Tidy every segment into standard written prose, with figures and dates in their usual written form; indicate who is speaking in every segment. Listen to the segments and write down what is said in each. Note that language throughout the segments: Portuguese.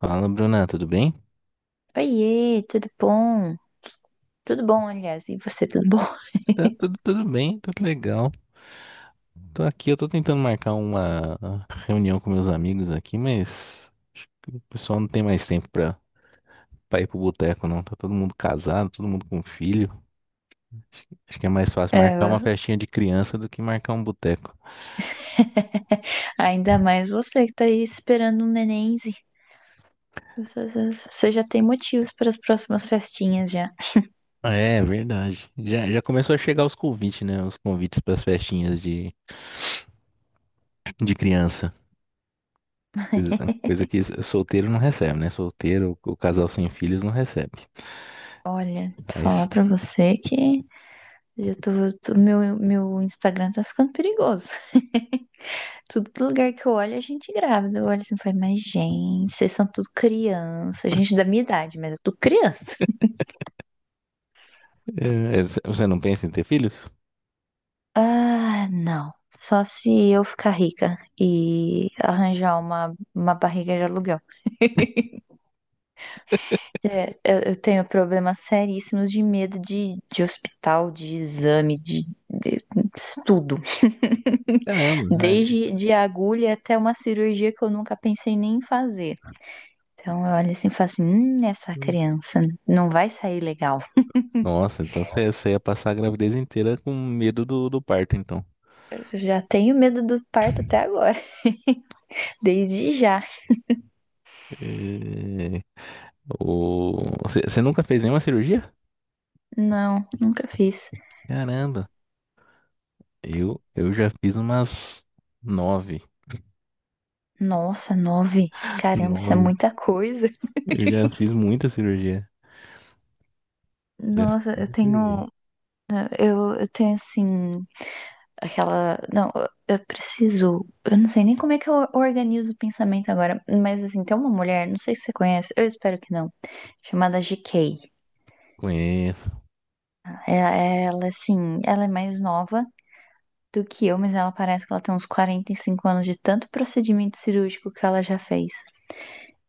Speaker 1: Fala, Bruna, tudo bem?
Speaker 2: Oiê, tudo bom? Tudo bom, aliás, e você, tudo bom?
Speaker 1: Tá tudo bem, tá tudo legal. Tô aqui, eu tô tentando marcar uma reunião com meus amigos aqui, mas acho que o pessoal não tem mais tempo pra ir pro boteco, não. Tá todo mundo casado, todo mundo com filho. Acho que é mais fácil marcar
Speaker 2: É,
Speaker 1: uma festinha de criança do que marcar um boteco.
Speaker 2: ainda mais você que tá aí esperando um nenenzinho. Você já tem motivos para as próximas festinhas já.
Speaker 1: É, verdade. Já começou a chegar os convites, né? Os convites pras festinhas de, criança. Coisa, coisa que solteiro não recebe, né? Solteiro, o casal sem filhos não recebe.
Speaker 2: Olha, vou
Speaker 1: Aí.
Speaker 2: falar pra você que já tô, meu Instagram tá ficando perigoso. Tudo lugar que eu olho, a gente grávida. Eu olho assim, e falo, mas gente, vocês são tudo criança. Gente da minha idade, mas eu tô criança.
Speaker 1: É, você não pensa em ter filhos?
Speaker 2: Ah, não. Só se eu ficar rica e arranjar uma barriga de aluguel. É, eu tenho problemas seríssimos de medo de hospital, de exame, de tudo.
Speaker 1: Caramba, ai.
Speaker 2: Desde de agulha até uma cirurgia que eu nunca pensei nem em fazer. Então eu olho assim e falo assim, essa criança não vai sair legal.
Speaker 1: Nossa, então você, ia passar a gravidez inteira com medo do parto, então.
Speaker 2: Eu já tenho medo do parto até agora, desde já.
Speaker 1: É, você nunca fez nenhuma cirurgia?
Speaker 2: Não, nunca fiz.
Speaker 1: Caramba. Eu já fiz umas nove.
Speaker 2: Nossa, nove. Caramba, isso é
Speaker 1: Nove.
Speaker 2: muita coisa.
Speaker 1: Eu já fiz muita cirurgia. Já fiz
Speaker 2: Nossa, eu
Speaker 1: muita cirurgia.
Speaker 2: tenho, né? Eu tenho assim. Aquela. Não, eu preciso. Eu não sei nem como é que eu organizo o pensamento agora. Mas assim, tem uma mulher, não sei se você conhece, eu espero que não. Chamada GK.
Speaker 1: Conheço.
Speaker 2: Ela, assim, ela é mais nova do que eu, mas ela parece que ela tem uns 45 anos de tanto procedimento cirúrgico que ela já fez.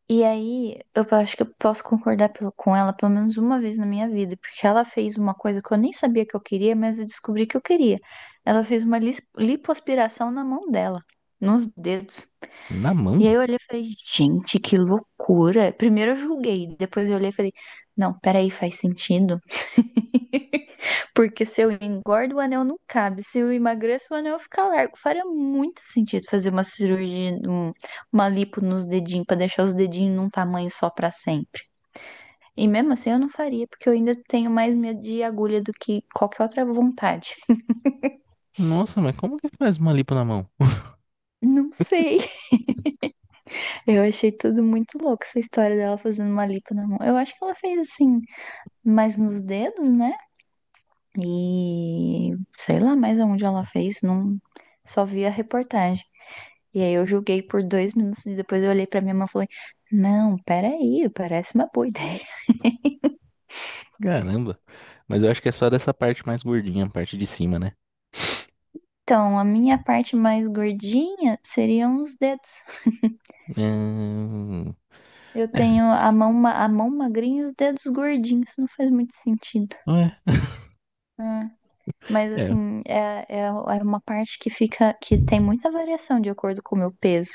Speaker 2: E aí, eu acho que eu posso concordar com ela pelo menos uma vez na minha vida, porque ela fez uma coisa que eu nem sabia que eu queria, mas eu descobri que eu queria. Ela fez uma lipoaspiração na mão dela, nos dedos.
Speaker 1: Na mão?
Speaker 2: E aí eu olhei e falei, gente, que loucura. Primeiro eu julguei, depois eu olhei e falei, não, peraí, faz sentido. Porque se eu engordo, o anel não cabe. Se eu emagreço, o anel fica largo. Faria muito sentido fazer uma cirurgia, uma lipo nos dedinhos, pra deixar os dedinhos num tamanho só pra sempre. E mesmo assim eu não faria, porque eu ainda tenho mais medo de agulha do que qualquer outra vontade.
Speaker 1: Nossa, mas como que faz uma lipo na mão?
Speaker 2: Não sei. Eu achei tudo muito louco, essa história dela fazendo uma lipo na mão. Eu acho que ela fez assim, mais nos dedos, né? E sei lá mais aonde ela fez, não só vi a reportagem. E aí eu joguei por 2 minutos e depois eu olhei pra minha mãe e falei, não, peraí, parece uma boa ideia.
Speaker 1: Caramba. Mas eu acho que é só dessa parte mais gordinha, a parte de cima, né?
Speaker 2: Então, a minha parte mais gordinha seriam os dedos.
Speaker 1: Hum.
Speaker 2: Eu
Speaker 1: É,
Speaker 2: tenho a mão magrinha e os dedos gordinhos, isso não faz muito sentido.
Speaker 1: não é.
Speaker 2: Ah, mas
Speaker 1: É.
Speaker 2: assim, é uma parte que fica, que tem muita variação de acordo com o meu peso.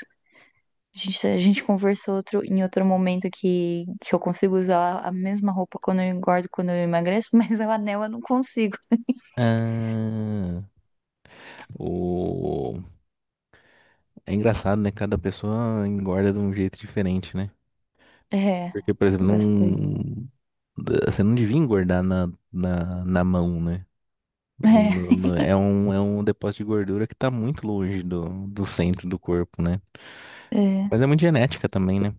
Speaker 2: A gente conversou em outro momento que eu consigo usar a mesma roupa quando eu engordo, quando eu emagreço, mas o anel eu não consigo.
Speaker 1: Ah, o... É engraçado, né? Cada pessoa engorda de um jeito diferente, né?
Speaker 2: É,
Speaker 1: Porque, por exemplo,
Speaker 2: bastante.
Speaker 1: você não devia engordar na, mão, né?
Speaker 2: É,
Speaker 1: É um depósito de gordura que tá muito longe do centro do corpo, né?
Speaker 2: é,
Speaker 1: Mas é muito genética também, né?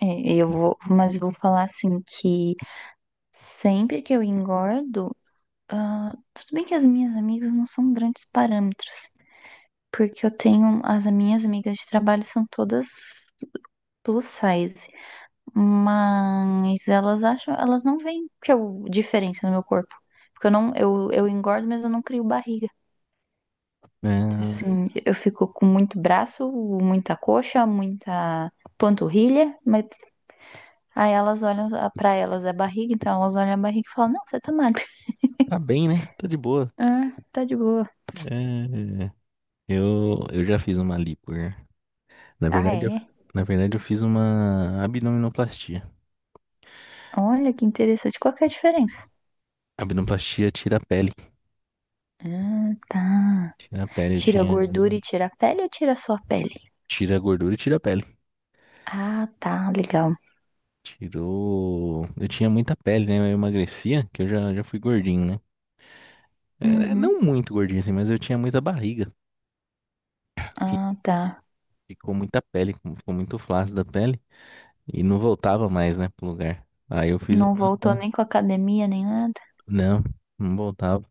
Speaker 2: é, mas eu vou falar assim que sempre que eu engordo, tudo bem que as minhas amigas não são grandes parâmetros, porque as minhas amigas de trabalho são todas plus size, mas elas não veem que diferença no meu corpo, porque eu engordo, mas eu não crio barriga. Então,
Speaker 1: É.
Speaker 2: assim, eu fico com muito braço, muita coxa, muita panturrilha, mas aí elas olham pra elas a barriga, então elas olham a barriga e falam: Não, você tá magra.
Speaker 1: Tá bem, né? Tô de boa.
Speaker 2: Ah, tá de boa.
Speaker 1: É, eu já fiz uma lipo, né? Na
Speaker 2: Ah,
Speaker 1: verdade, eu,
Speaker 2: é?
Speaker 1: na verdade, eu fiz uma abdominoplastia.
Speaker 2: Olha que interessante. Qual que é a diferença?
Speaker 1: Abdominoplastia tira a pele.
Speaker 2: Ah, tá.
Speaker 1: Tira a pele, eu
Speaker 2: Tira a
Speaker 1: tinha.
Speaker 2: gordura e tira a pele ou tira só a pele?
Speaker 1: Tira a gordura e tira a pele.
Speaker 2: Ah, tá, legal.
Speaker 1: Tirou. Eu tinha muita pele, né? Eu emagrecia, que eu já fui gordinho, né? É,
Speaker 2: Uhum.
Speaker 1: não muito gordinho assim, mas eu tinha muita barriga. E
Speaker 2: Ah, tá.
Speaker 1: ficou muita pele, ficou muito flácida a pele. E não voltava mais, né, pro lugar. Aí eu fiz
Speaker 2: Não voltou
Speaker 1: uma.
Speaker 2: nem com a academia nem nada.
Speaker 1: Não, não voltava.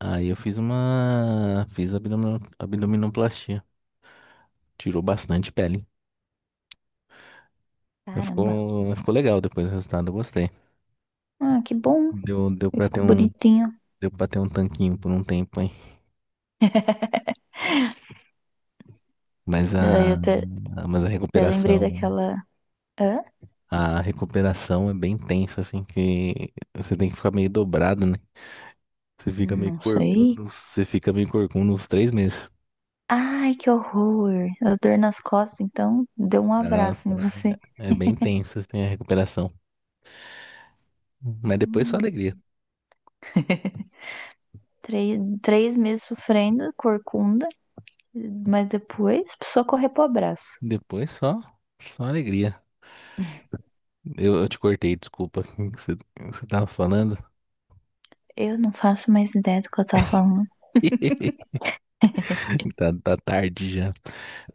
Speaker 1: Aí eu fiz uma. Fiz abdominoplastia. Tirou bastante pele. Mas
Speaker 2: Caramba.
Speaker 1: Ficou, mas ficou legal depois do resultado, eu gostei.
Speaker 2: Ah, que bom.
Speaker 1: Deu
Speaker 2: Eu
Speaker 1: pra ter
Speaker 2: fico
Speaker 1: um,
Speaker 2: bonitinho.
Speaker 1: deu pra ter um tanquinho por um tempo, hein? Mas
Speaker 2: Daí
Speaker 1: a,
Speaker 2: eu até,
Speaker 1: a- mas a
Speaker 2: até lembrei
Speaker 1: recuperação,
Speaker 2: daquela. Hã?
Speaker 1: a recuperação é bem tensa, assim, que você tem que ficar meio dobrado, né? Você fica meio
Speaker 2: Não sei.
Speaker 1: corcunda, você fica meio corcunda uns 3 meses.
Speaker 2: Ai, que horror. A dor nas costas, então deu um abraço
Speaker 1: Nossa,
Speaker 2: em você.
Speaker 1: é bem tensa, assim, a recuperação. Mas depois só alegria.
Speaker 2: Hum. Três, 3 meses sofrendo, corcunda, mas depois só correr pro abraço.
Speaker 1: Depois só alegria. Eu te cortei, desculpa. O que você tava falando?
Speaker 2: Eu não faço mais ideia do que eu tava falando.
Speaker 1: Tá tarde já.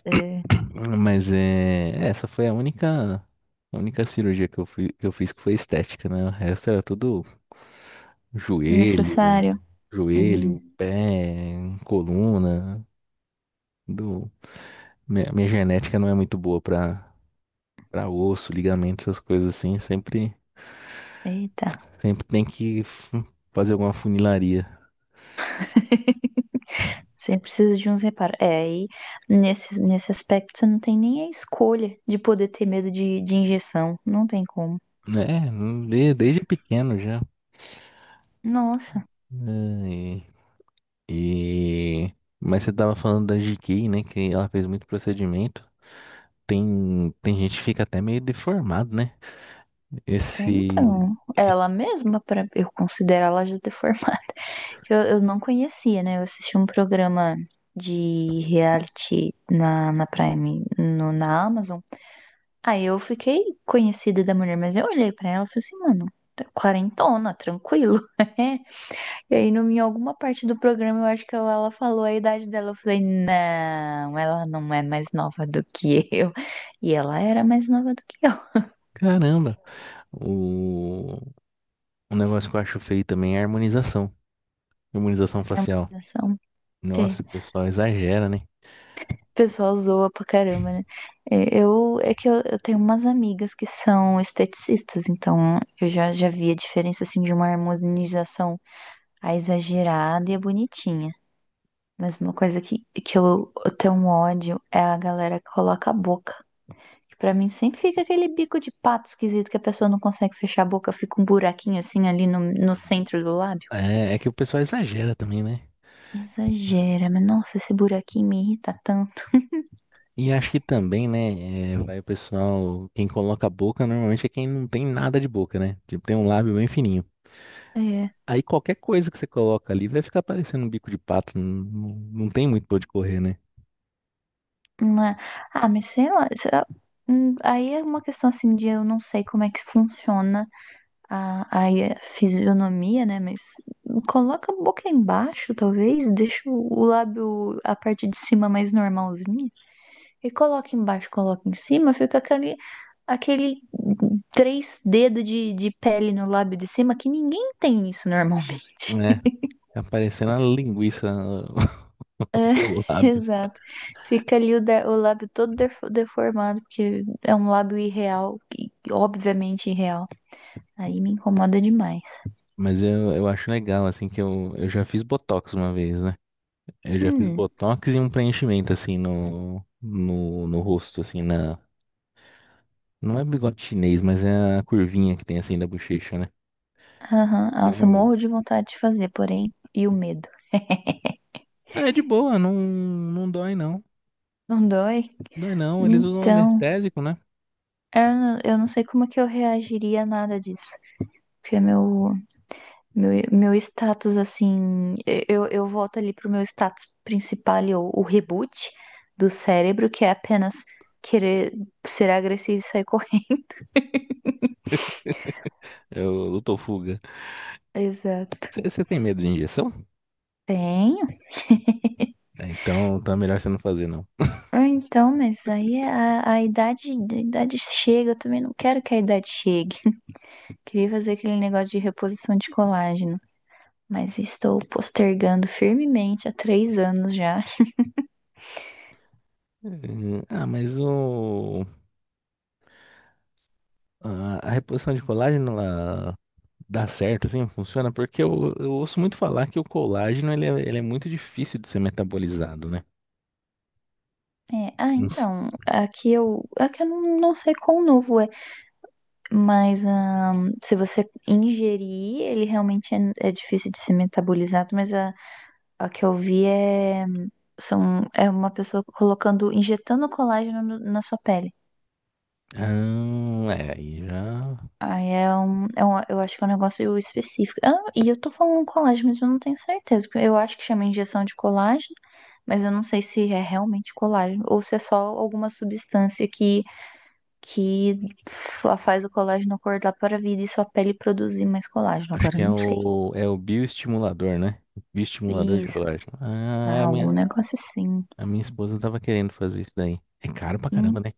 Speaker 2: É
Speaker 1: Mas é, essa foi a única cirurgia que eu fiz que foi estética, né? O resto era tudo joelho,
Speaker 2: necessário.
Speaker 1: joelho,
Speaker 2: Hum,
Speaker 1: pé, coluna. Do, minha genética não é muito boa pra, osso, ligamento, essas coisas assim. Sempre,
Speaker 2: eita.
Speaker 1: sempre tem que fazer alguma funilaria.
Speaker 2: Você precisa de uns reparos. É, aí nesse aspecto você não tem nem a escolha de poder ter medo de injeção. Não tem como.
Speaker 1: É, desde pequeno já.
Speaker 2: Nossa,
Speaker 1: E... Mas você tava falando da GK, né? Que ela fez muito procedimento. Tem gente que fica até meio deformado, né?
Speaker 2: é,
Speaker 1: Esse.
Speaker 2: então,
Speaker 1: e-
Speaker 2: ela mesma, pra eu considero ela já deformada. Que eu não conhecia, né? Eu assisti um programa de reality na Prime, no, na Amazon. Aí eu fiquei conhecida da mulher, mas eu olhei pra ela e falei assim, mano, tá quarentona, tranquilo. E aí, no, em alguma parte do programa, eu acho que ela falou a idade dela. Eu falei, não, ela não é mais nova do que eu. E ela era mais nova do que eu.
Speaker 1: Caramba! O... o negócio que eu acho feio também é a harmonização. Harmonização facial.
Speaker 2: Harmonização. É.
Speaker 1: Nossa, o pessoal exagera, né?
Speaker 2: O pessoal zoa pra caramba, né? É, é que eu tenho umas amigas que são esteticistas, então eu já vi a diferença, assim, de uma harmonização a exagerada e a bonitinha. Mas uma coisa que eu tenho um ódio é a galera que coloca a boca. Que Pra mim sempre fica aquele bico de pato esquisito que a pessoa não consegue fechar a boca, fica um buraquinho assim ali no
Speaker 1: Uhum.
Speaker 2: centro do lábio.
Speaker 1: É que o pessoal exagera também, né?
Speaker 2: Exagera, mas nossa, esse buraquinho me irrita tanto.
Speaker 1: E acho que também, né? É, vai o pessoal. Quem coloca a boca normalmente é quem não tem nada de boca, né? Tipo, tem um lábio bem fininho.
Speaker 2: É,
Speaker 1: Aí qualquer coisa que você coloca ali vai ficar parecendo um bico de pato. Não, não, não tem muito pra onde correr, né?
Speaker 2: né. Ah, mas sei lá. Aí é uma questão assim de eu não sei como é que funciona a fisionomia, né? Mas coloca a boca embaixo, talvez, deixa o lábio, a parte de cima mais normalzinha, e coloca embaixo, coloca em cima, fica aquele três dedos de pele no lábio de cima que ninguém tem isso normalmente.
Speaker 1: É, fica parecendo uma linguiça o lábio.
Speaker 2: Exato. Fica ali o lábio todo deformado, porque é um lábio irreal, e obviamente irreal. Aí me incomoda demais.
Speaker 1: Mas eu acho legal, assim, que eu já fiz botox uma vez, né? Eu já fiz
Speaker 2: Hum,
Speaker 1: botox e um preenchimento, assim, no rosto, assim, na. Não é bigode chinês, mas é a curvinha que tem, assim, da bochecha, né?
Speaker 2: aham.
Speaker 1: E é
Speaker 2: Nossa,
Speaker 1: uma.
Speaker 2: morro de vontade de fazer, porém, e o medo.
Speaker 1: Ah, é de boa, não, não dói, não.
Speaker 2: Não dói?
Speaker 1: Dói, não. Eles usam
Speaker 2: Então,
Speaker 1: anestésico, né?
Speaker 2: eu não sei como é que eu reagiria a nada disso. Porque meu status, assim, eu volto ali pro meu status principal, ali, o reboot do cérebro, que é apenas querer ser agressivo e sair correndo.
Speaker 1: É o Lutofuga.
Speaker 2: Exato.
Speaker 1: Você tem medo de injeção?
Speaker 2: Tenho.
Speaker 1: É, então, tá melhor você não fazer, não.
Speaker 2: Ah, então, mas aí é a idade, a idade chega, eu também não quero que a idade chegue. Queria fazer aquele negócio de reposição de colágeno, mas estou postergando firmemente há 3 anos já.
Speaker 1: Ah. A reposição de colágeno, ela dá certo, assim, funciona? Porque eu ouço muito falar que o colágeno, ele é muito difícil de ser metabolizado, né?
Speaker 2: É, ah,
Speaker 1: Não s-.
Speaker 2: então, aqui eu não sei quão novo é, mas se você ingerir, ele realmente é difícil de ser metabolizado, mas A que eu vi é uma pessoa injetando colágeno na sua pele.
Speaker 1: Ah, é, aí já...
Speaker 2: Aí eu acho que é um negócio específico. Ah, e eu tô falando colágeno, mas eu não tenho certeza. Porque eu acho que chama injeção de colágeno, mas eu não sei se é realmente colágeno ou se é só alguma substância que, que faz o colágeno acordar para a vida e sua pele produzir mais colágeno.
Speaker 1: Acho
Speaker 2: Agora
Speaker 1: que
Speaker 2: eu
Speaker 1: é
Speaker 2: não sei.
Speaker 1: o, é o bioestimulador, né? Bioestimulador de
Speaker 2: Isso,
Speaker 1: colágeno. Ah, é,
Speaker 2: ah,
Speaker 1: a
Speaker 2: algum
Speaker 1: minha,
Speaker 2: negócio assim.
Speaker 1: a minha esposa tava querendo fazer isso daí. É caro pra
Speaker 2: Hum,
Speaker 1: caramba, né?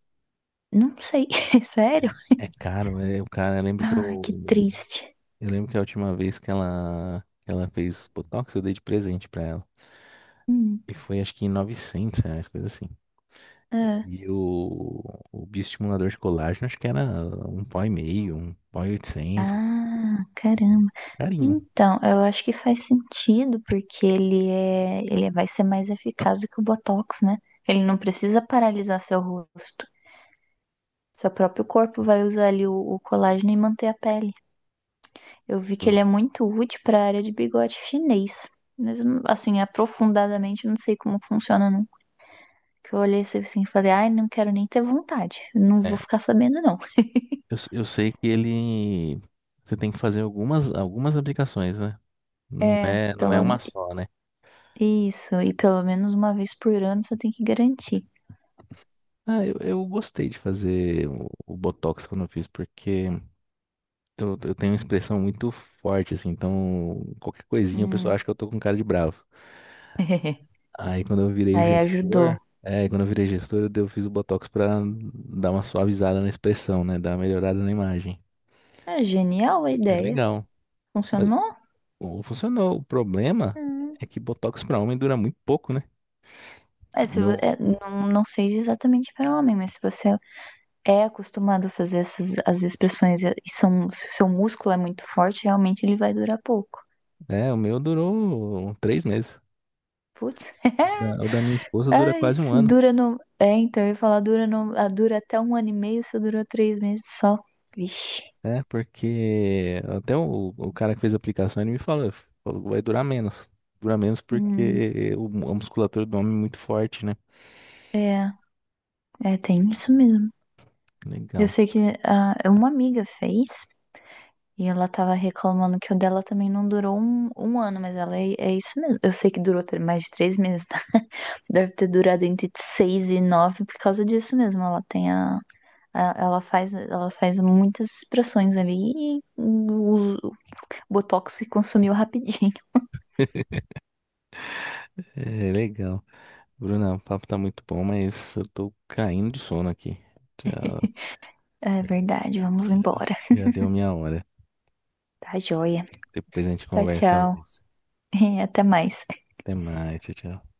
Speaker 2: Não sei, sério?
Speaker 1: É caro, é, o cara, lembra que
Speaker 2: Ah, que
Speaker 1: eu...
Speaker 2: triste.
Speaker 1: Eu lembro que a última vez que ela fez Botox, eu dei de presente pra ela.
Speaker 2: Hum,
Speaker 1: E foi acho que R$ 900, coisa assim.
Speaker 2: ah,
Speaker 1: E o bioestimulador de colágeno, acho que era um pó e meio, um pó e 800.
Speaker 2: ah, caramba.
Speaker 1: Carinho.
Speaker 2: Então, eu acho que faz sentido, porque ele vai ser mais eficaz do que o Botox, né? Ele não precisa paralisar seu rosto. Seu próprio corpo vai usar ali o colágeno e manter a pele. Eu vi que ele é muito útil para a área de bigode chinês. Mas, eu não- assim, aprofundadamente, eu não sei como funciona, não. Que eu olhei assim e falei, ai, não quero nem ter vontade. Não
Speaker 1: É,
Speaker 2: vou ficar sabendo, não.
Speaker 1: eu sei que ele... Você tem que fazer algumas aplicações, né? Não
Speaker 2: É,
Speaker 1: é, não é
Speaker 2: pelo
Speaker 1: uma só, né?
Speaker 2: Isso, e pelo menos uma vez por ano você tem que garantir.
Speaker 1: Ah, eu gostei de fazer o Botox quando eu fiz, porque... Eu tenho uma expressão muito forte, assim, então qualquer coisinha o pessoal
Speaker 2: Hum.
Speaker 1: acha que eu tô com cara de bravo. Aí quando eu virei
Speaker 2: Aí
Speaker 1: gestor,
Speaker 2: ajudou.
Speaker 1: é, quando eu virei gestor, eu fiz o Botox pra dar uma suavizada na expressão, né? Dar uma melhorada na imagem.
Speaker 2: É genial a
Speaker 1: Foi
Speaker 2: ideia.
Speaker 1: legal. Mas
Speaker 2: Funcionou?
Speaker 1: funcionou. O problema
Speaker 2: Hum.
Speaker 1: é que Botox pra homem dura muito pouco, né?
Speaker 2: É,
Speaker 1: O Meu,
Speaker 2: não sei exatamente para homem, mas se você é acostumado a fazer essas as expressões seu músculo é muito forte, realmente ele vai durar pouco.
Speaker 1: o meu durou 3 meses.
Speaker 2: Putz.
Speaker 1: O da, o da minha esposa dura
Speaker 2: Ah,
Speaker 1: quase um
Speaker 2: isso
Speaker 1: ano.
Speaker 2: dura no. É, então, eu ia falar, dura, no... ah, dura até um ano e meio, só durou 3 meses só. Vixe.
Speaker 1: Né? Porque até o cara que fez a aplicação, ele me falou, que vai durar menos. Dura menos
Speaker 2: Hum,
Speaker 1: porque a musculatura do homem é muito forte, né?
Speaker 2: é, é, tem isso mesmo. Eu
Speaker 1: Legal.
Speaker 2: sei que uma amiga fez e ela tava reclamando que o dela também não durou um ano, mas ela é isso mesmo. Eu sei que durou mais de 3 meses, tá? Deve ter durado entre seis e nove por causa disso mesmo. Ela tem ela faz muitas expressões ali e o Botox se consumiu rapidinho.
Speaker 1: É, legal. Bruna, o papo tá muito bom, mas eu tô caindo de sono aqui. Já,
Speaker 2: É verdade, vamos embora.
Speaker 1: já deu minha hora.
Speaker 2: Tá joia.
Speaker 1: Depois a gente
Speaker 2: Tchau,
Speaker 1: conversa
Speaker 2: tchau.
Speaker 1: mais.
Speaker 2: Até mais.
Speaker 1: Até mais, tchau, tchau.